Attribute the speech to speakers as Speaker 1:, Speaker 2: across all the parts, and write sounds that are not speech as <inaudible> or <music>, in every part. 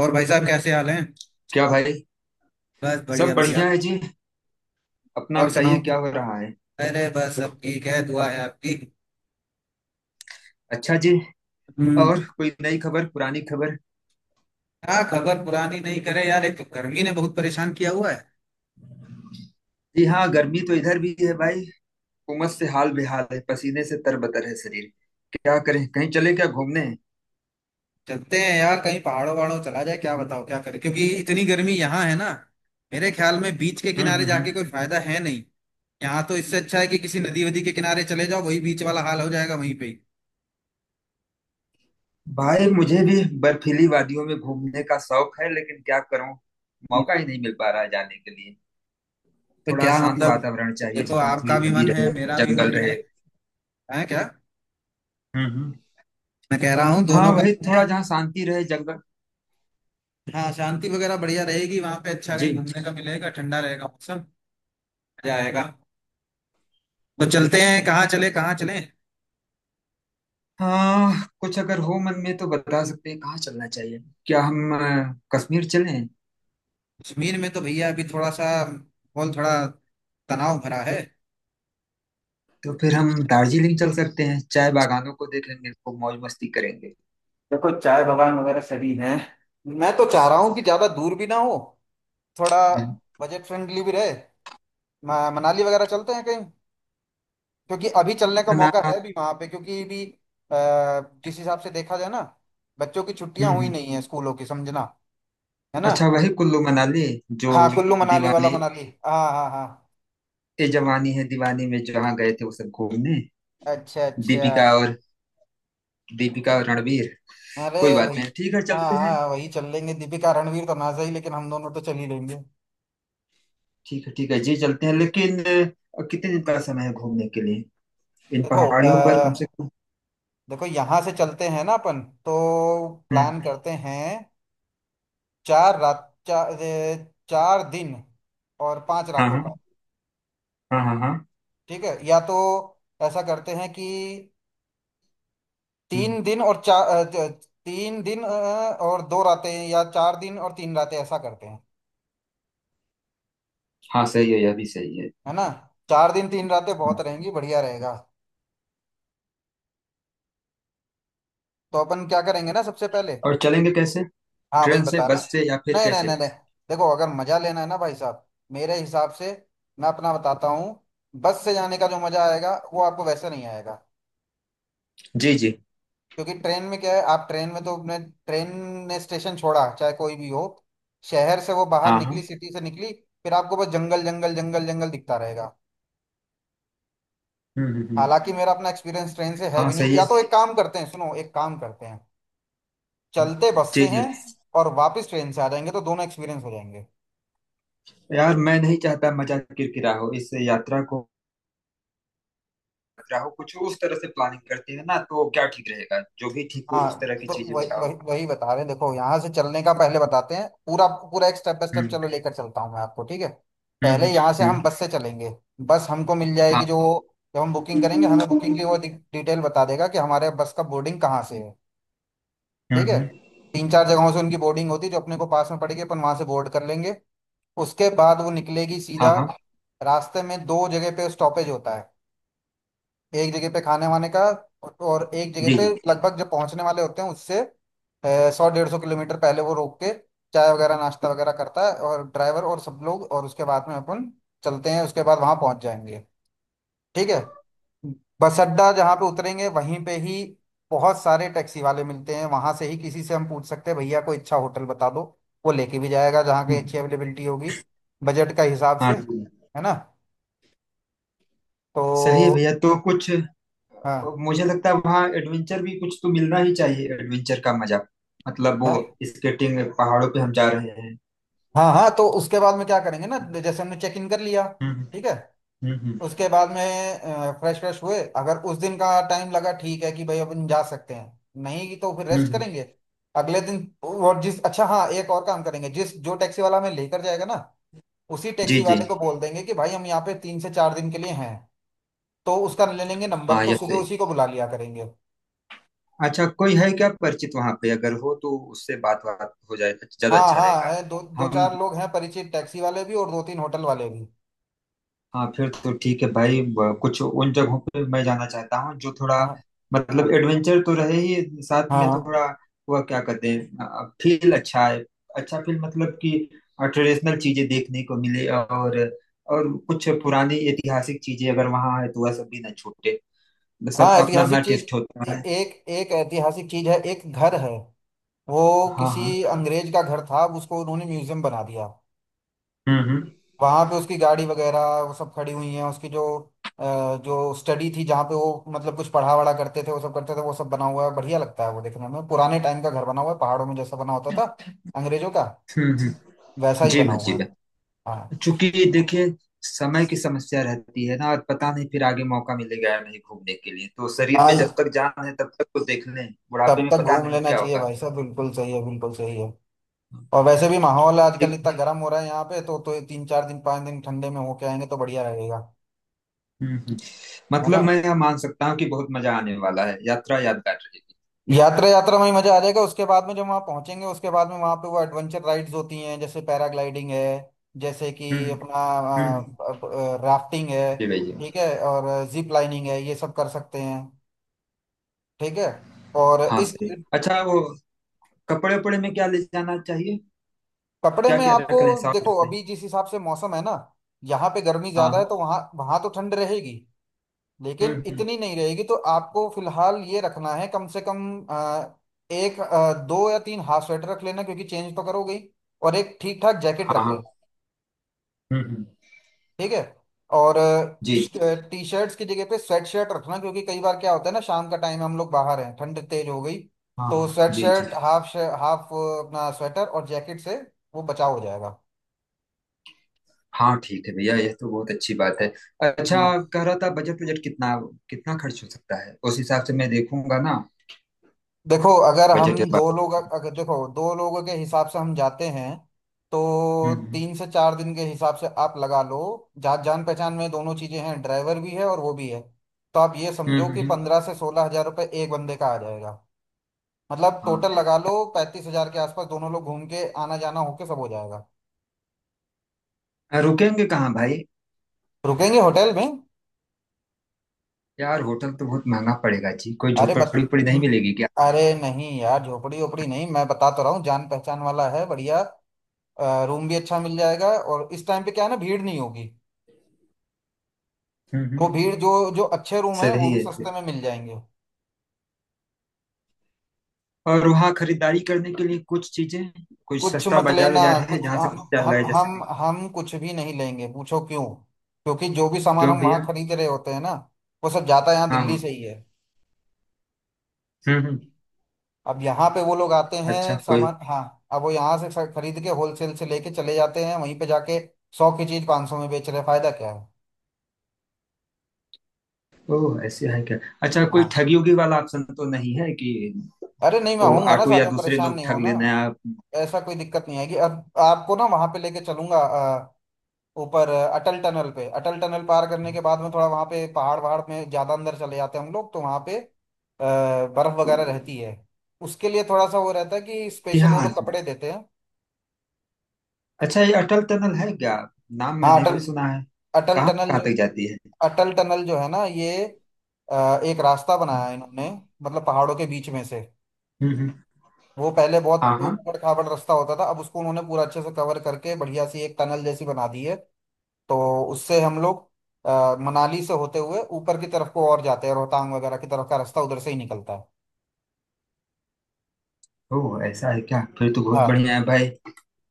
Speaker 1: और भाई साहब कैसे हाल हैं।
Speaker 2: क्या भाई।
Speaker 1: बस
Speaker 2: सब
Speaker 1: बढ़िया बढ़िया।
Speaker 2: बढ़िया है जी। अपना
Speaker 1: और
Speaker 2: बताइए,
Speaker 1: सुनाओ।
Speaker 2: क्या हो रहा है?
Speaker 1: अरे बस सब ठीक है, दुआ है आपकी।
Speaker 2: अच्छा जी।
Speaker 1: हम्म।
Speaker 2: और कोई नई खबर पुरानी खबर?
Speaker 1: क्या खबर पुरानी नहीं करे यार, एक तो गर्मी ने बहुत परेशान किया हुआ है।
Speaker 2: जी हाँ, गर्मी तो इधर भी है भाई। उमस से हाल बेहाल है, पसीने से तरबतर है शरीर। क्या करें, कहीं चले क्या घूमने?
Speaker 1: चलते हैं यार, कहीं पहाड़ों वहाड़ों चला जाए क्या? बताओ क्या करें, क्योंकि इतनी गर्मी यहाँ है ना। मेरे ख्याल में बीच के
Speaker 2: हम्म
Speaker 1: किनारे
Speaker 2: हम्म हम्म।
Speaker 1: जाके कोई फायदा है नहीं। यहाँ तो इससे अच्छा है कि किसी नदी वदी के किनारे चले जाओ, वही बीच वाला हाल हो जाएगा वहीं पे ही।
Speaker 2: भाई, मुझे भी बर्फीली वादियों में घूमने का शौक है, लेकिन क्या करूं।
Speaker 1: हम्म।
Speaker 2: मौका ही नहीं मिल पा रहा है जाने के लिए।
Speaker 1: तो
Speaker 2: थोड़ा
Speaker 1: क्या
Speaker 2: शांत
Speaker 1: मतलब,
Speaker 2: वातावरण चाहिए,
Speaker 1: देखो
Speaker 2: जहाँ थोड़ी
Speaker 1: आपका भी
Speaker 2: नदी
Speaker 1: मन है,
Speaker 2: रहे।
Speaker 1: मेरा भी
Speaker 2: जंगल
Speaker 1: मन है।
Speaker 2: रहे।
Speaker 1: है क्या?
Speaker 2: हम्म हम्म।
Speaker 1: मैं कह रहा हूँ
Speaker 2: हाँ,
Speaker 1: दोनों का
Speaker 2: वही
Speaker 1: मन है।
Speaker 2: थोड़ा जहाँ शांति रहे, जंगल।
Speaker 1: हाँ, शांति वगैरह बढ़िया रहेगी वहां पे। अच्छा
Speaker 2: जी।
Speaker 1: कहीं घूमने का मिलेगा, ठंडा रहेगा मौसम। मजा आएगा। तो चलते हैं, कहाँ चले कहाँ चले?
Speaker 2: हाँ। कुछ अगर हो मन में तो बता सकते हैं कहाँ चलना चाहिए। क्या हम कश्मीर चलें?
Speaker 1: कश्मीर में तो भैया अभी थोड़ा सा माहौल, थोड़ा तनाव भरा है।
Speaker 2: तो फिर हम दार्जिलिंग चल सकते हैं, चाय बागानों को देखेंगे, खूब मौज मस्ती करेंगे।
Speaker 1: देखो चाय बागान वगैरह सभी हैं। मैं तो चाह रहा हूँ कि ज्यादा दूर भी ना हो, थोड़ा
Speaker 2: हम्म।
Speaker 1: बजट फ्रेंडली भी रहे। मनाली वगैरह चलते हैं कहीं, क्योंकि अभी चलने का
Speaker 2: मना।
Speaker 1: मौका है भी वहां पे, क्योंकि भी। अ, जिस हिसाब से देखा जाए ना, बच्चों की छुट्टियां हुई
Speaker 2: हम्म।
Speaker 1: नहीं है स्कूलों की, समझना। है ना?
Speaker 2: अच्छा, वही कुल्लू मनाली। जो।
Speaker 1: हाँ, कुल्लू मनाली वाला
Speaker 2: दीवानी।
Speaker 1: मनाली। हाँ हाँ हाँ।
Speaker 2: ए जवानी है दीवानी में जहाँ गए थे वो सब घूमने।
Speaker 1: अच्छा अच्छा।
Speaker 2: दीपिका और। दीपिका और रणवीर।
Speaker 1: अरे
Speaker 2: कोई बात
Speaker 1: भाई!
Speaker 2: नहीं, ठीक है,
Speaker 1: हाँ
Speaker 2: चलते हैं।
Speaker 1: हाँ वही चल लेंगे, दीपिका रणवीर तो ना सही, लेकिन हम दोनों तो चल ही लेंगे।
Speaker 2: ठीक है, ठीक है जी, चलते हैं लेकिन। कितने दिन का समय है घूमने के लिए, इन
Speaker 1: देखो
Speaker 2: पहाड़ियों पर कम से कम?
Speaker 1: देखो यहाँ से चलते हैं ना अपन तो,
Speaker 2: हम्म।
Speaker 1: प्लान करते हैं। 4 रात, 4 दिन और पांच
Speaker 2: हाँ
Speaker 1: रातों
Speaker 2: हाँ।
Speaker 1: का।
Speaker 2: हाँ हाँ हाँ।
Speaker 1: ठीक है, या तो ऐसा करते हैं कि
Speaker 2: हम्म,
Speaker 1: तीन दिन और चार तीन दिन और 2 रातें, या 4 दिन और 3 रातें, ऐसा करते हैं।
Speaker 2: हाँ सही है, यह भी सही है।
Speaker 1: है ना? 4 दिन 3 रातें बहुत
Speaker 2: हाँ।
Speaker 1: रहेंगी, बढ़िया रहेगा। तो अपन क्या करेंगे ना सबसे पहले?
Speaker 2: और चलेंगे कैसे?
Speaker 1: हाँ वही
Speaker 2: ट्रेन से,
Speaker 1: बता रहे हैं।
Speaker 2: बस से, या फिर
Speaker 1: नहीं नहीं नहीं
Speaker 2: कैसे?
Speaker 1: नहीं, देखो अगर मजा लेना है ना भाई साहब, मेरे हिसाब से, मैं अपना बताता हूँ। बस से जाने का जो मजा आएगा वो आपको वैसे नहीं आएगा।
Speaker 2: जी जी।
Speaker 1: क्योंकि ट्रेन में क्या है, आप ट्रेन में तो अपने ट्रेन ने स्टेशन छोड़ा चाहे कोई भी हो, शहर से वो बाहर
Speaker 2: हाँ हाँ।
Speaker 1: निकली, सिटी से निकली, फिर आपको बस जंगल जंगल जंगल जंगल दिखता रहेगा।
Speaker 2: हम्म।
Speaker 1: हालांकि मेरा अपना एक्सपीरियंस ट्रेन से है
Speaker 2: हाँ
Speaker 1: भी नहीं।
Speaker 2: सही
Speaker 1: या
Speaker 2: है।
Speaker 1: तो एक काम करते हैं, सुनो एक काम करते हैं,
Speaker 2: हम्म।
Speaker 1: चलते बस
Speaker 2: जी
Speaker 1: से
Speaker 2: जी।
Speaker 1: हैं और वापस ट्रेन से आ जाएंगे, तो दोनों एक्सपीरियंस हो जाएंगे।
Speaker 2: यार, मैं नहीं चाहता मजा किरकिरा हो इस यात्रा को। किरकिरा हो कुछ उस तरह से। प्लानिंग करते हैं ना तो क्या ठीक रहेगा? जो भी ठीक हो उस
Speaker 1: हाँ
Speaker 2: तरह की
Speaker 1: तो
Speaker 2: चीजें
Speaker 1: वही
Speaker 2: बताओ।
Speaker 1: वही वही बता रहे हैं। देखो यहाँ से चलने का पहले बताते हैं पूरा पूरा, एक स्टेप बाय स्टेप
Speaker 2: हम्म
Speaker 1: चलो लेकर चलता हूँ मैं आपको। ठीक है।
Speaker 2: हम्म
Speaker 1: पहले
Speaker 2: हम्म
Speaker 1: यहाँ से
Speaker 2: हम्म।
Speaker 1: हम बस से चलेंगे। बस हमको मिल जाएगी
Speaker 2: हाँ।
Speaker 1: जो, जब हम बुकिंग करेंगे हमें
Speaker 2: हम्म
Speaker 1: बुकिंग की वो डिटेल बता देगा कि हमारे बस का बोर्डिंग कहाँ से है। ठीक है।
Speaker 2: हम्म।
Speaker 1: तीन चार जगहों से उनकी बोर्डिंग होती है, जो अपने को पास में पड़ेगी अपन वहां से बोर्ड कर लेंगे। उसके बाद वो निकलेगी
Speaker 2: हाँ
Speaker 1: सीधा।
Speaker 2: हाँ
Speaker 1: रास्ते में दो जगह पे स्टॉपेज होता है, एक जगह पे खाने वाने का, और एक जगह
Speaker 2: जी
Speaker 1: पे
Speaker 2: जी।
Speaker 1: लगभग जब पहुंचने वाले होते हैं उससे 100 150 किलोमीटर पहले, वो रोक के चाय वगैरह नाश्ता वगैरह करता है, और ड्राइवर और सब लोग, और उसके बाद में अपन चलते हैं। उसके बाद वहां पहुंच जाएंगे। ठीक है। बस अड्डा जहाँ पे उतरेंगे वहीं पे ही बहुत सारे टैक्सी वाले मिलते हैं। वहां से ही किसी से हम पूछ सकते हैं, भैया कोई अच्छा होटल बता दो, वो लेके भी जाएगा जहाँ की अच्छी
Speaker 2: हम्म।
Speaker 1: अवेलेबिलिटी होगी, बजट का हिसाब
Speaker 2: हाँ
Speaker 1: से।
Speaker 2: जी।
Speaker 1: है ना? तो
Speaker 2: सही है भैया, तो कुछ।
Speaker 1: हाँ
Speaker 2: मुझे लगता है वहाँ एडवेंचर भी कुछ तो मिलना ही चाहिए, एडवेंचर का मजा। मतलब वो।
Speaker 1: हाँ।
Speaker 2: स्केटिंग, पहाड़ों पे हम जा रहे हैं।
Speaker 1: हाँ हाँ, तो उसके बाद में क्या करेंगे ना, जैसे हमने चेक इन कर लिया,
Speaker 2: हम्म
Speaker 1: ठीक है,
Speaker 2: हम्म हम्म
Speaker 1: उसके बाद में फ्रेश फ्रेश हुए। अगर उस दिन का टाइम लगा, ठीक है कि भाई अपन जा सकते हैं, नहीं तो फिर रेस्ट
Speaker 2: हम्म।
Speaker 1: करेंगे। अगले दिन, और जिस, अच्छा, हाँ एक और काम करेंगे, जिस जो टैक्सी वाला हमें लेकर जाएगा ना, उसी
Speaker 2: जी
Speaker 1: टैक्सी
Speaker 2: जी।
Speaker 1: वाले को बोल देंगे कि भाई हम यहाँ पे 3 से 4 दिन के लिए हैं, तो उसका ले लेंगे नंबर,
Speaker 2: हाँ,
Speaker 1: तो
Speaker 2: यस,
Speaker 1: सुबह
Speaker 2: सही।
Speaker 1: उसी को बुला लिया करेंगे।
Speaker 2: अच्छा, कोई है क्या परिचित वहाँ पे? अगर हो तो उससे बात बात हो जाए तो ज्यादा
Speaker 1: हाँ
Speaker 2: अच्छा
Speaker 1: हाँ
Speaker 2: रहेगा।
Speaker 1: है, दो दो
Speaker 2: हम।
Speaker 1: चार लोग हैं परिचित, टैक्सी वाले भी और दो तीन होटल वाले भी।
Speaker 2: हाँ फिर तो ठीक है भाई, कुछ उन जगहों पे मैं जाना चाहता हूँ जो थोड़ा।
Speaker 1: हाँ हाँ
Speaker 2: मतलब एडवेंचर तो रहे ही, साथ
Speaker 1: हाँ
Speaker 2: में
Speaker 1: हाँ।
Speaker 2: थोड़ा। वह क्या कहते हैं, फील अच्छा है। अच्छा फील मतलब कि। ट्रेडिशनल चीजें देखने को मिले और। और कुछ पुरानी ऐतिहासिक चीजें अगर वहाँ है तो वह सब भी ना छूटे।
Speaker 1: हाँ,
Speaker 2: सबका अपना अपना
Speaker 1: ऐतिहासिक चीज।
Speaker 2: टेस्ट होता है।
Speaker 1: एक एक ऐतिहासिक चीज है, एक घर है। वो
Speaker 2: हाँ हाँ।
Speaker 1: किसी अंग्रेज का घर था, अब उसको उन्होंने म्यूजियम बना दिया।
Speaker 2: हम्म हम्म
Speaker 1: वहां पे उसकी गाड़ी वगैरह वो सब खड़ी हुई है, उसकी अ, जो स्टडी थी जहाँ पे वो, मतलब कुछ पढ़ा वढ़ा करते थे, वो सब करते थे, वो सब बना हुआ है। बढ़िया लगता है वो देखने में, पुराने टाइम का घर बना हुआ है पहाड़ों में जैसा बना होता था अंग्रेजों का,
Speaker 2: हम्म हम्म।
Speaker 1: वैसा ही
Speaker 2: जी
Speaker 1: बना
Speaker 2: भाई, जी
Speaker 1: हुआ है।
Speaker 2: भाई।
Speaker 1: हाँ
Speaker 2: चूंकि देखिए। समय की समस्या रहती है ना, और पता नहीं फिर आगे मौका मिलेगा या नहीं घूमने के लिए, तो शरीर में जब
Speaker 1: हाँ,
Speaker 2: तक जान है तब तक तो देख लें। बुढ़ापे
Speaker 1: तब
Speaker 2: में
Speaker 1: तक
Speaker 2: पता
Speaker 1: घूम
Speaker 2: नहीं
Speaker 1: लेना
Speaker 2: क्या
Speaker 1: चाहिए
Speaker 2: होगा।
Speaker 1: भाई साहब, बिल्कुल सही है, बिल्कुल सही है। और वैसे भी माहौल आजकल
Speaker 2: एक।
Speaker 1: इतना गर्म हो रहा है यहाँ पे, तो 3 4 दिन 5 दिन ठंडे में होके आएंगे तो बढ़िया रहेगा।
Speaker 2: हम्म, हम्म।
Speaker 1: है
Speaker 2: मतलब
Speaker 1: ना?
Speaker 2: मैं यह मान सकता हूँ कि बहुत मजा आने वाला है, यात्रा यादगार रहेगी।
Speaker 1: यात्रा, यात्रा में ही मजा आ जाएगा। उसके बाद में जब वहाँ पहुंचेंगे, उसके बाद में वहाँ पे वो एडवेंचर राइड्स होती हैं, जैसे पैराग्लाइडिंग है, जैसे कि
Speaker 2: हम्म
Speaker 1: अपना
Speaker 2: हम्म।
Speaker 1: राफ्टिंग है,
Speaker 2: जी भैया।
Speaker 1: ठीक है, और जिप लाइनिंग है, ये सब कर सकते हैं। ठीक है। और
Speaker 2: हाँ
Speaker 1: इस
Speaker 2: सही।
Speaker 1: ट्रिप-
Speaker 2: अच्छा, वो कपड़े उपड़े में क्या ले जाना चाहिए?
Speaker 1: कपड़े
Speaker 2: क्या
Speaker 1: में
Speaker 2: क्या
Speaker 1: आपको,
Speaker 2: रख लें, साथ
Speaker 1: देखो
Speaker 2: रख लें।
Speaker 1: अभी जिस हिसाब से मौसम है ना, यहाँ पे गर्मी
Speaker 2: हाँ
Speaker 1: ज्यादा है
Speaker 2: हाँ।
Speaker 1: तो वहाँ, वहाँ तो ठंड रहेगी, लेकिन
Speaker 2: हम्म।
Speaker 1: इतनी नहीं रहेगी। तो आपको फिलहाल ये रखना है कम से कम एक दो या तीन हाफ स्वेटर रख लेना, क्योंकि चेंज तो करोगे ही, और एक ठीक ठाक जैकेट
Speaker 2: हाँ
Speaker 1: रख
Speaker 2: हाँ।
Speaker 1: लेना।
Speaker 2: हम्म।
Speaker 1: ठीक है। और
Speaker 2: जी जी।
Speaker 1: टी शर्ट्स की जगह पे स्वेट शर्ट रखना, क्योंकि कई बार क्या होता है ना, शाम का टाइम हम लोग बाहर हैं, ठंड तेज हो गई,
Speaker 2: हाँ
Speaker 1: तो
Speaker 2: हाँ।
Speaker 1: स्वेट
Speaker 2: जी जी।
Speaker 1: शर्ट, हाफ हाफ अपना स्वेटर और जैकेट से वो बचाव हो जाएगा।
Speaker 2: हाँ ठीक है भैया, यह तो बहुत अच्छी बात है। अच्छा। कह रहा था बजट, बजट कितना। कितना खर्च हो सकता है, उस हिसाब से मैं देखूंगा ना।
Speaker 1: देखो,
Speaker 2: बजट इस बार।
Speaker 1: अगर देखो दो लोगों के हिसाब से हम जाते हैं, तो
Speaker 2: हम्म हम्म
Speaker 1: तीन से चार दिन के हिसाब से आप लगा लो। जान पहचान में दोनों चीजें हैं, ड्राइवर भी है और वो भी है। तो आप ये समझो कि
Speaker 2: हम्म।
Speaker 1: 15 से 16 हजार रुपये एक बंदे का आ जाएगा। मतलब
Speaker 2: हम्म।
Speaker 1: टोटल लगा लो 35 हजार के आसपास, दोनों लोग घूम के आना जाना होके सब हो जाएगा।
Speaker 2: हाँ, रुकेंगे कहाँ भाई?
Speaker 1: रुकेंगे होटल में।
Speaker 2: यार होटल तो बहुत महंगा पड़ेगा जी, कोई
Speaker 1: अरे बत
Speaker 2: झोपड़ी उपड़ी नहीं मिलेगी क्या?
Speaker 1: अरे नहीं यार, झोपड़ी ओपड़ी नहीं, मैं बता तो रहा हूँ जान पहचान वाला है, बढ़िया, रूम भी अच्छा मिल जाएगा। और इस टाइम पे क्या है ना, भीड़ नहीं होगी। वो
Speaker 2: हम्म।
Speaker 1: भीड़ जो जो अच्छे रूम है वो
Speaker 2: सही
Speaker 1: भी
Speaker 2: है सही।
Speaker 1: सस्ते में मिल जाएंगे।
Speaker 2: और वहाँ खरीदारी करने के लिए कुछ चीजें। कुछ
Speaker 1: कुछ
Speaker 2: सस्ता
Speaker 1: मत
Speaker 2: बाजार
Speaker 1: लेना।
Speaker 2: बाजार है
Speaker 1: कुछ
Speaker 2: जहाँ से
Speaker 1: हम
Speaker 2: कुछ क्या
Speaker 1: हम
Speaker 2: लाया जा
Speaker 1: हम
Speaker 2: सके?
Speaker 1: हम कुछ भी नहीं लेंगे, पूछो क्यों। क्योंकि जो भी सामान
Speaker 2: क्यों
Speaker 1: हम वहाँ
Speaker 2: भैया?
Speaker 1: खरीद रहे होते हैं ना, वो सब जाता यहाँ
Speaker 2: हाँ
Speaker 1: दिल्ली
Speaker 2: हाँ।
Speaker 1: से ही है।
Speaker 2: हम्म।
Speaker 1: अब यहाँ पे वो लोग आते
Speaker 2: अच्छा,
Speaker 1: हैं
Speaker 2: कोई।
Speaker 1: सामान, हाँ, अब वो यहाँ से खरीद के होलसेल से लेके चले जाते हैं वहीं पे जाके, 100 की चीज 500 में बेच रहे, फायदा क्या है।
Speaker 2: ओह, ऐसे है क्या? अच्छा, कोई
Speaker 1: हाँ,
Speaker 2: ठगी उगी वाला ऑप्शन तो नहीं है कि।
Speaker 1: अरे नहीं, मैं
Speaker 2: ओ,
Speaker 1: आऊंगा ना
Speaker 2: ऑटो
Speaker 1: साथ
Speaker 2: या
Speaker 1: में,
Speaker 2: दूसरे
Speaker 1: परेशान
Speaker 2: लोग
Speaker 1: नहीं
Speaker 2: ठग
Speaker 1: होना।
Speaker 2: लेना है आप।
Speaker 1: ऐसा कोई दिक्कत नहीं आएगी, अब आपको ना वहां पे लेके चलूंगा। ऊपर अटल टनल पार करने के बाद में थोड़ा वहां पे पहाड़ वहाड़ में ज्यादा अंदर चले जाते हैं हम लोग, तो वहां पे बर्फ वगैरह रहती है। उसके लिए थोड़ा सा वो रहता है कि
Speaker 2: जी
Speaker 1: स्पेशल वो
Speaker 2: हाँ।
Speaker 1: लोग कपड़े देते हैं।
Speaker 2: अच्छा, ये अटल टनल है क्या? नाम
Speaker 1: हाँ,
Speaker 2: मैंने
Speaker 1: अटल
Speaker 2: भी सुना है।
Speaker 1: अटल
Speaker 2: कहाँ
Speaker 1: टनल
Speaker 2: कहाँ
Speaker 1: जो
Speaker 2: तक जाती है?
Speaker 1: अटल टनल जो है ना ये, एक रास्ता बनाया है इन्होंने, मतलब पहाड़ों के बीच में से।
Speaker 2: हम्म।
Speaker 1: वो पहले बहुत
Speaker 2: हाँ हाँ।
Speaker 1: ऊबड़ खाबड़ रास्ता होता था, अब उसको उन्होंने पूरा अच्छे से कवर करके बढ़िया सी एक टनल जैसी बना दी है। तो उससे हम लोग मनाली से होते हुए ऊपर की तरफ को और जाते हैं, रोहतांग वगैरह की तरफ का रास्ता उधर से ही निकलता है।
Speaker 2: ओ, ऐसा है क्या? फिर तो बहुत
Speaker 1: हाँ।
Speaker 2: बढ़िया है भाई।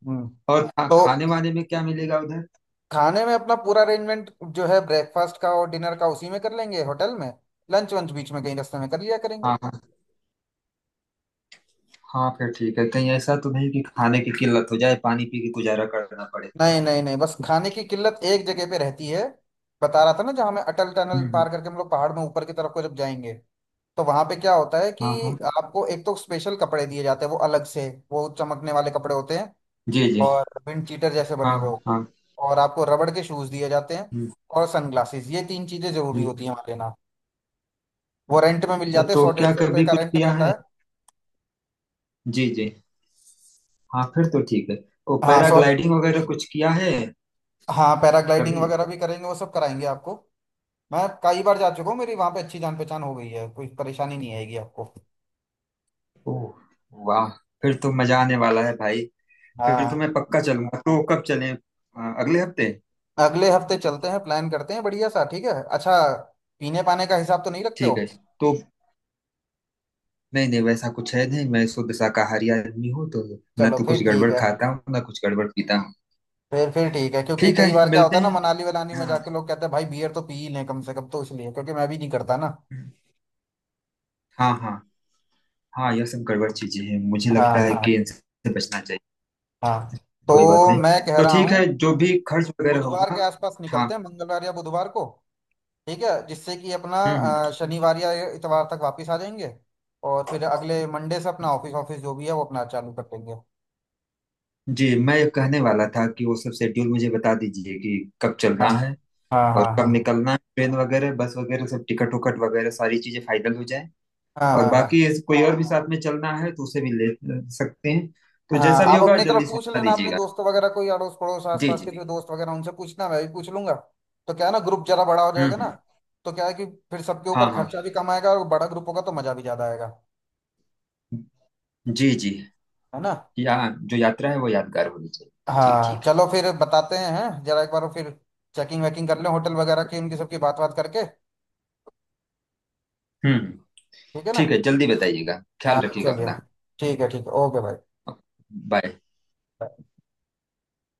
Speaker 1: हम्म।
Speaker 2: और
Speaker 1: तो
Speaker 2: खाने वाने में क्या मिलेगा उधर?
Speaker 1: खाने में अपना पूरा अरेंजमेंट जो है ब्रेकफास्ट का और डिनर का उसी में कर लेंगे होटल में। लंच वंच बीच में कहीं रास्ते में कर लिया करेंगे।
Speaker 2: हाँ हाँ। हाँ फिर ठीक है, कहीं ऐसा तो नहीं कि खाने की किल्लत हो जाए, पानी पी के गुजारा करना पड़े?
Speaker 1: नहीं नहीं नहीं, बस खाने की किल्लत एक जगह पे रहती है, बता रहा था ना, जहाँ हमें अटल टनल
Speaker 2: हम्म।
Speaker 1: पार करके हम लोग पहाड़ में ऊपर की तरफ को जब जाएंगे, तो वहां पे क्या होता है कि
Speaker 2: हाँ हाँ।
Speaker 1: आपको एक तो स्पेशल कपड़े दिए जाते हैं, वो अलग से वो चमकने वाले कपड़े होते हैं
Speaker 2: जी जी।
Speaker 1: और विंड चीटर जैसे बने
Speaker 2: हाँ
Speaker 1: हुए
Speaker 2: हाँ
Speaker 1: हो,
Speaker 2: हाँ।
Speaker 1: और आपको रबड़ के शूज दिए जाते हैं,
Speaker 2: हम्म
Speaker 1: और सनग्लासेस, ये तीन चीजें जरूरी
Speaker 2: हम्म।
Speaker 1: होती हैं वहां लेना। वो रेंट में मिल
Speaker 2: अच्छा,
Speaker 1: जाते हैं,
Speaker 2: तो
Speaker 1: सौ डेढ़
Speaker 2: क्या
Speaker 1: सौ रुपए
Speaker 2: कभी
Speaker 1: का
Speaker 2: कुछ
Speaker 1: रेंट
Speaker 2: किया
Speaker 1: मिलता
Speaker 2: है?
Speaker 1: है।
Speaker 2: जी जी। हाँ फिर तो ठीक है। ओ,
Speaker 1: हाँ सौ,
Speaker 2: पैराग्लाइडिंग वगैरह कुछ किया है?
Speaker 1: हाँ पैराग्लाइडिंग
Speaker 2: कभी?
Speaker 1: वगैरह भी करेंगे, वो सब कराएंगे आपको। मैं कई बार जा चुका हूँ, मेरी वहां पे अच्छी जान पहचान हो गई है, कोई परेशानी नहीं आएगी आपको।
Speaker 2: ओह, वाह। फिर तो मजा आने वाला है भाई। फिर तो मैं
Speaker 1: हाँ,
Speaker 2: पक्का चलूंगा, तो कब चलें, अगले हफ्ते?
Speaker 1: अगले हफ्ते चलते हैं, प्लान करते हैं बढ़िया सा, ठीक है। अच्छा, पीने पाने का हिसाब तो नहीं रखते हो?
Speaker 2: ठीक है। तो। नहीं नहीं, वैसा कुछ है नहीं, मैं शुद्ध शाकाहारी आदमी हूँ तो। ना
Speaker 1: चलो
Speaker 2: तो
Speaker 1: फिर
Speaker 2: कुछ
Speaker 1: ठीक
Speaker 2: गड़बड़
Speaker 1: है।
Speaker 2: खाता हूँ, ना कुछ गड़बड़ पीता हूँ।
Speaker 1: फिर ठीक है, क्योंकि
Speaker 2: ठीक है।
Speaker 1: कई बार क्या
Speaker 2: मिलते
Speaker 1: होता है ना
Speaker 2: हैं।
Speaker 1: मनाली वनाली में जाके
Speaker 2: हाँ।
Speaker 1: लोग कहते हैं भाई बियर तो पी ही लें कम से कम, तो इसलिए, क्योंकि मैं भी नहीं करता ना।
Speaker 2: हाँ हाँ। हाँ, यह सब गड़बड़ चीजें हैं, मुझे
Speaker 1: हाँ
Speaker 2: लगता
Speaker 1: <laughs>
Speaker 2: है कि
Speaker 1: हाँ।
Speaker 2: इनसे बचना चाहिए।
Speaker 1: हाँ
Speaker 2: कोई बात
Speaker 1: तो
Speaker 2: नहीं।
Speaker 1: मैं कह
Speaker 2: तो
Speaker 1: रहा
Speaker 2: ठीक है,
Speaker 1: हूँ
Speaker 2: जो भी खर्च वगैरह
Speaker 1: बुधवार के
Speaker 2: होगा।
Speaker 1: आसपास
Speaker 2: हाँ।
Speaker 1: निकलते हैं, मंगलवार या बुधवार को, ठीक है, जिससे कि अपना
Speaker 2: हम्म।
Speaker 1: शनिवार या इतवार तक वापस आ जाएंगे, और फिर अगले मंडे से अपना ऑफिस, ऑफिस जो भी है वो अपना चालू कर देंगे।
Speaker 2: जी, मैं कहने वाला था कि वो सब शेड्यूल मुझे बता दीजिए कि। कब
Speaker 1: हाँ
Speaker 2: चलना है।
Speaker 1: हाँ
Speaker 2: और
Speaker 1: हाँ।
Speaker 2: कब
Speaker 1: हाँ
Speaker 2: निकलना है, ट्रेन वगैरह, बस वगैरह, सब टिकट उकट वगैरह सारी चीजें फाइनल हो जाए।
Speaker 1: हाँ
Speaker 2: और
Speaker 1: हाँ हाँ
Speaker 2: बाकी ऐसे कोई और भी साथ में चलना है तो उसे भी ले। सकते हैं। तो
Speaker 1: हाँ।
Speaker 2: जैसा भी
Speaker 1: आप
Speaker 2: होगा
Speaker 1: अपनी तरफ
Speaker 2: जल्दी
Speaker 1: पूछ
Speaker 2: सूचना
Speaker 1: लेना अपने
Speaker 2: दीजिएगा।
Speaker 1: दोस्त वगैरह, कोई अड़ोस पड़ोस
Speaker 2: जी
Speaker 1: आसपास
Speaker 2: जी।
Speaker 1: के जो दोस्त वगैरह उनसे पूछना, मैं भी पूछ लूंगा। तो क्या है ना, ग्रुप जरा बड़ा हो जाएगा ना,
Speaker 2: हम्म।
Speaker 1: तो क्या है कि फिर सबके
Speaker 2: हाँ
Speaker 1: ऊपर
Speaker 2: हाँ।
Speaker 1: खर्चा भी कम आएगा, और बड़ा ग्रुप होगा तो मजा भी ज्यादा आएगा।
Speaker 2: जी जी।
Speaker 1: है ना?
Speaker 2: या। जो यात्रा है वो यादगार होनी चाहिए। जी
Speaker 1: हाँ
Speaker 2: ठीक है।
Speaker 1: चलो फिर बताते हैं, हैं? जरा एक बार वो, फिर चेकिंग वेकिंग कर लें होटल वगैरह की, उनकी सबकी बात, बात करके।
Speaker 2: हम्म।
Speaker 1: ठीक है ना?
Speaker 2: ठीक है, जल्दी बताइएगा,
Speaker 1: हाँ
Speaker 2: ख्याल रखिएगा
Speaker 1: चलिए,
Speaker 2: अपना।
Speaker 1: ठीक है ठीक है। ओके भाई।
Speaker 2: बाय।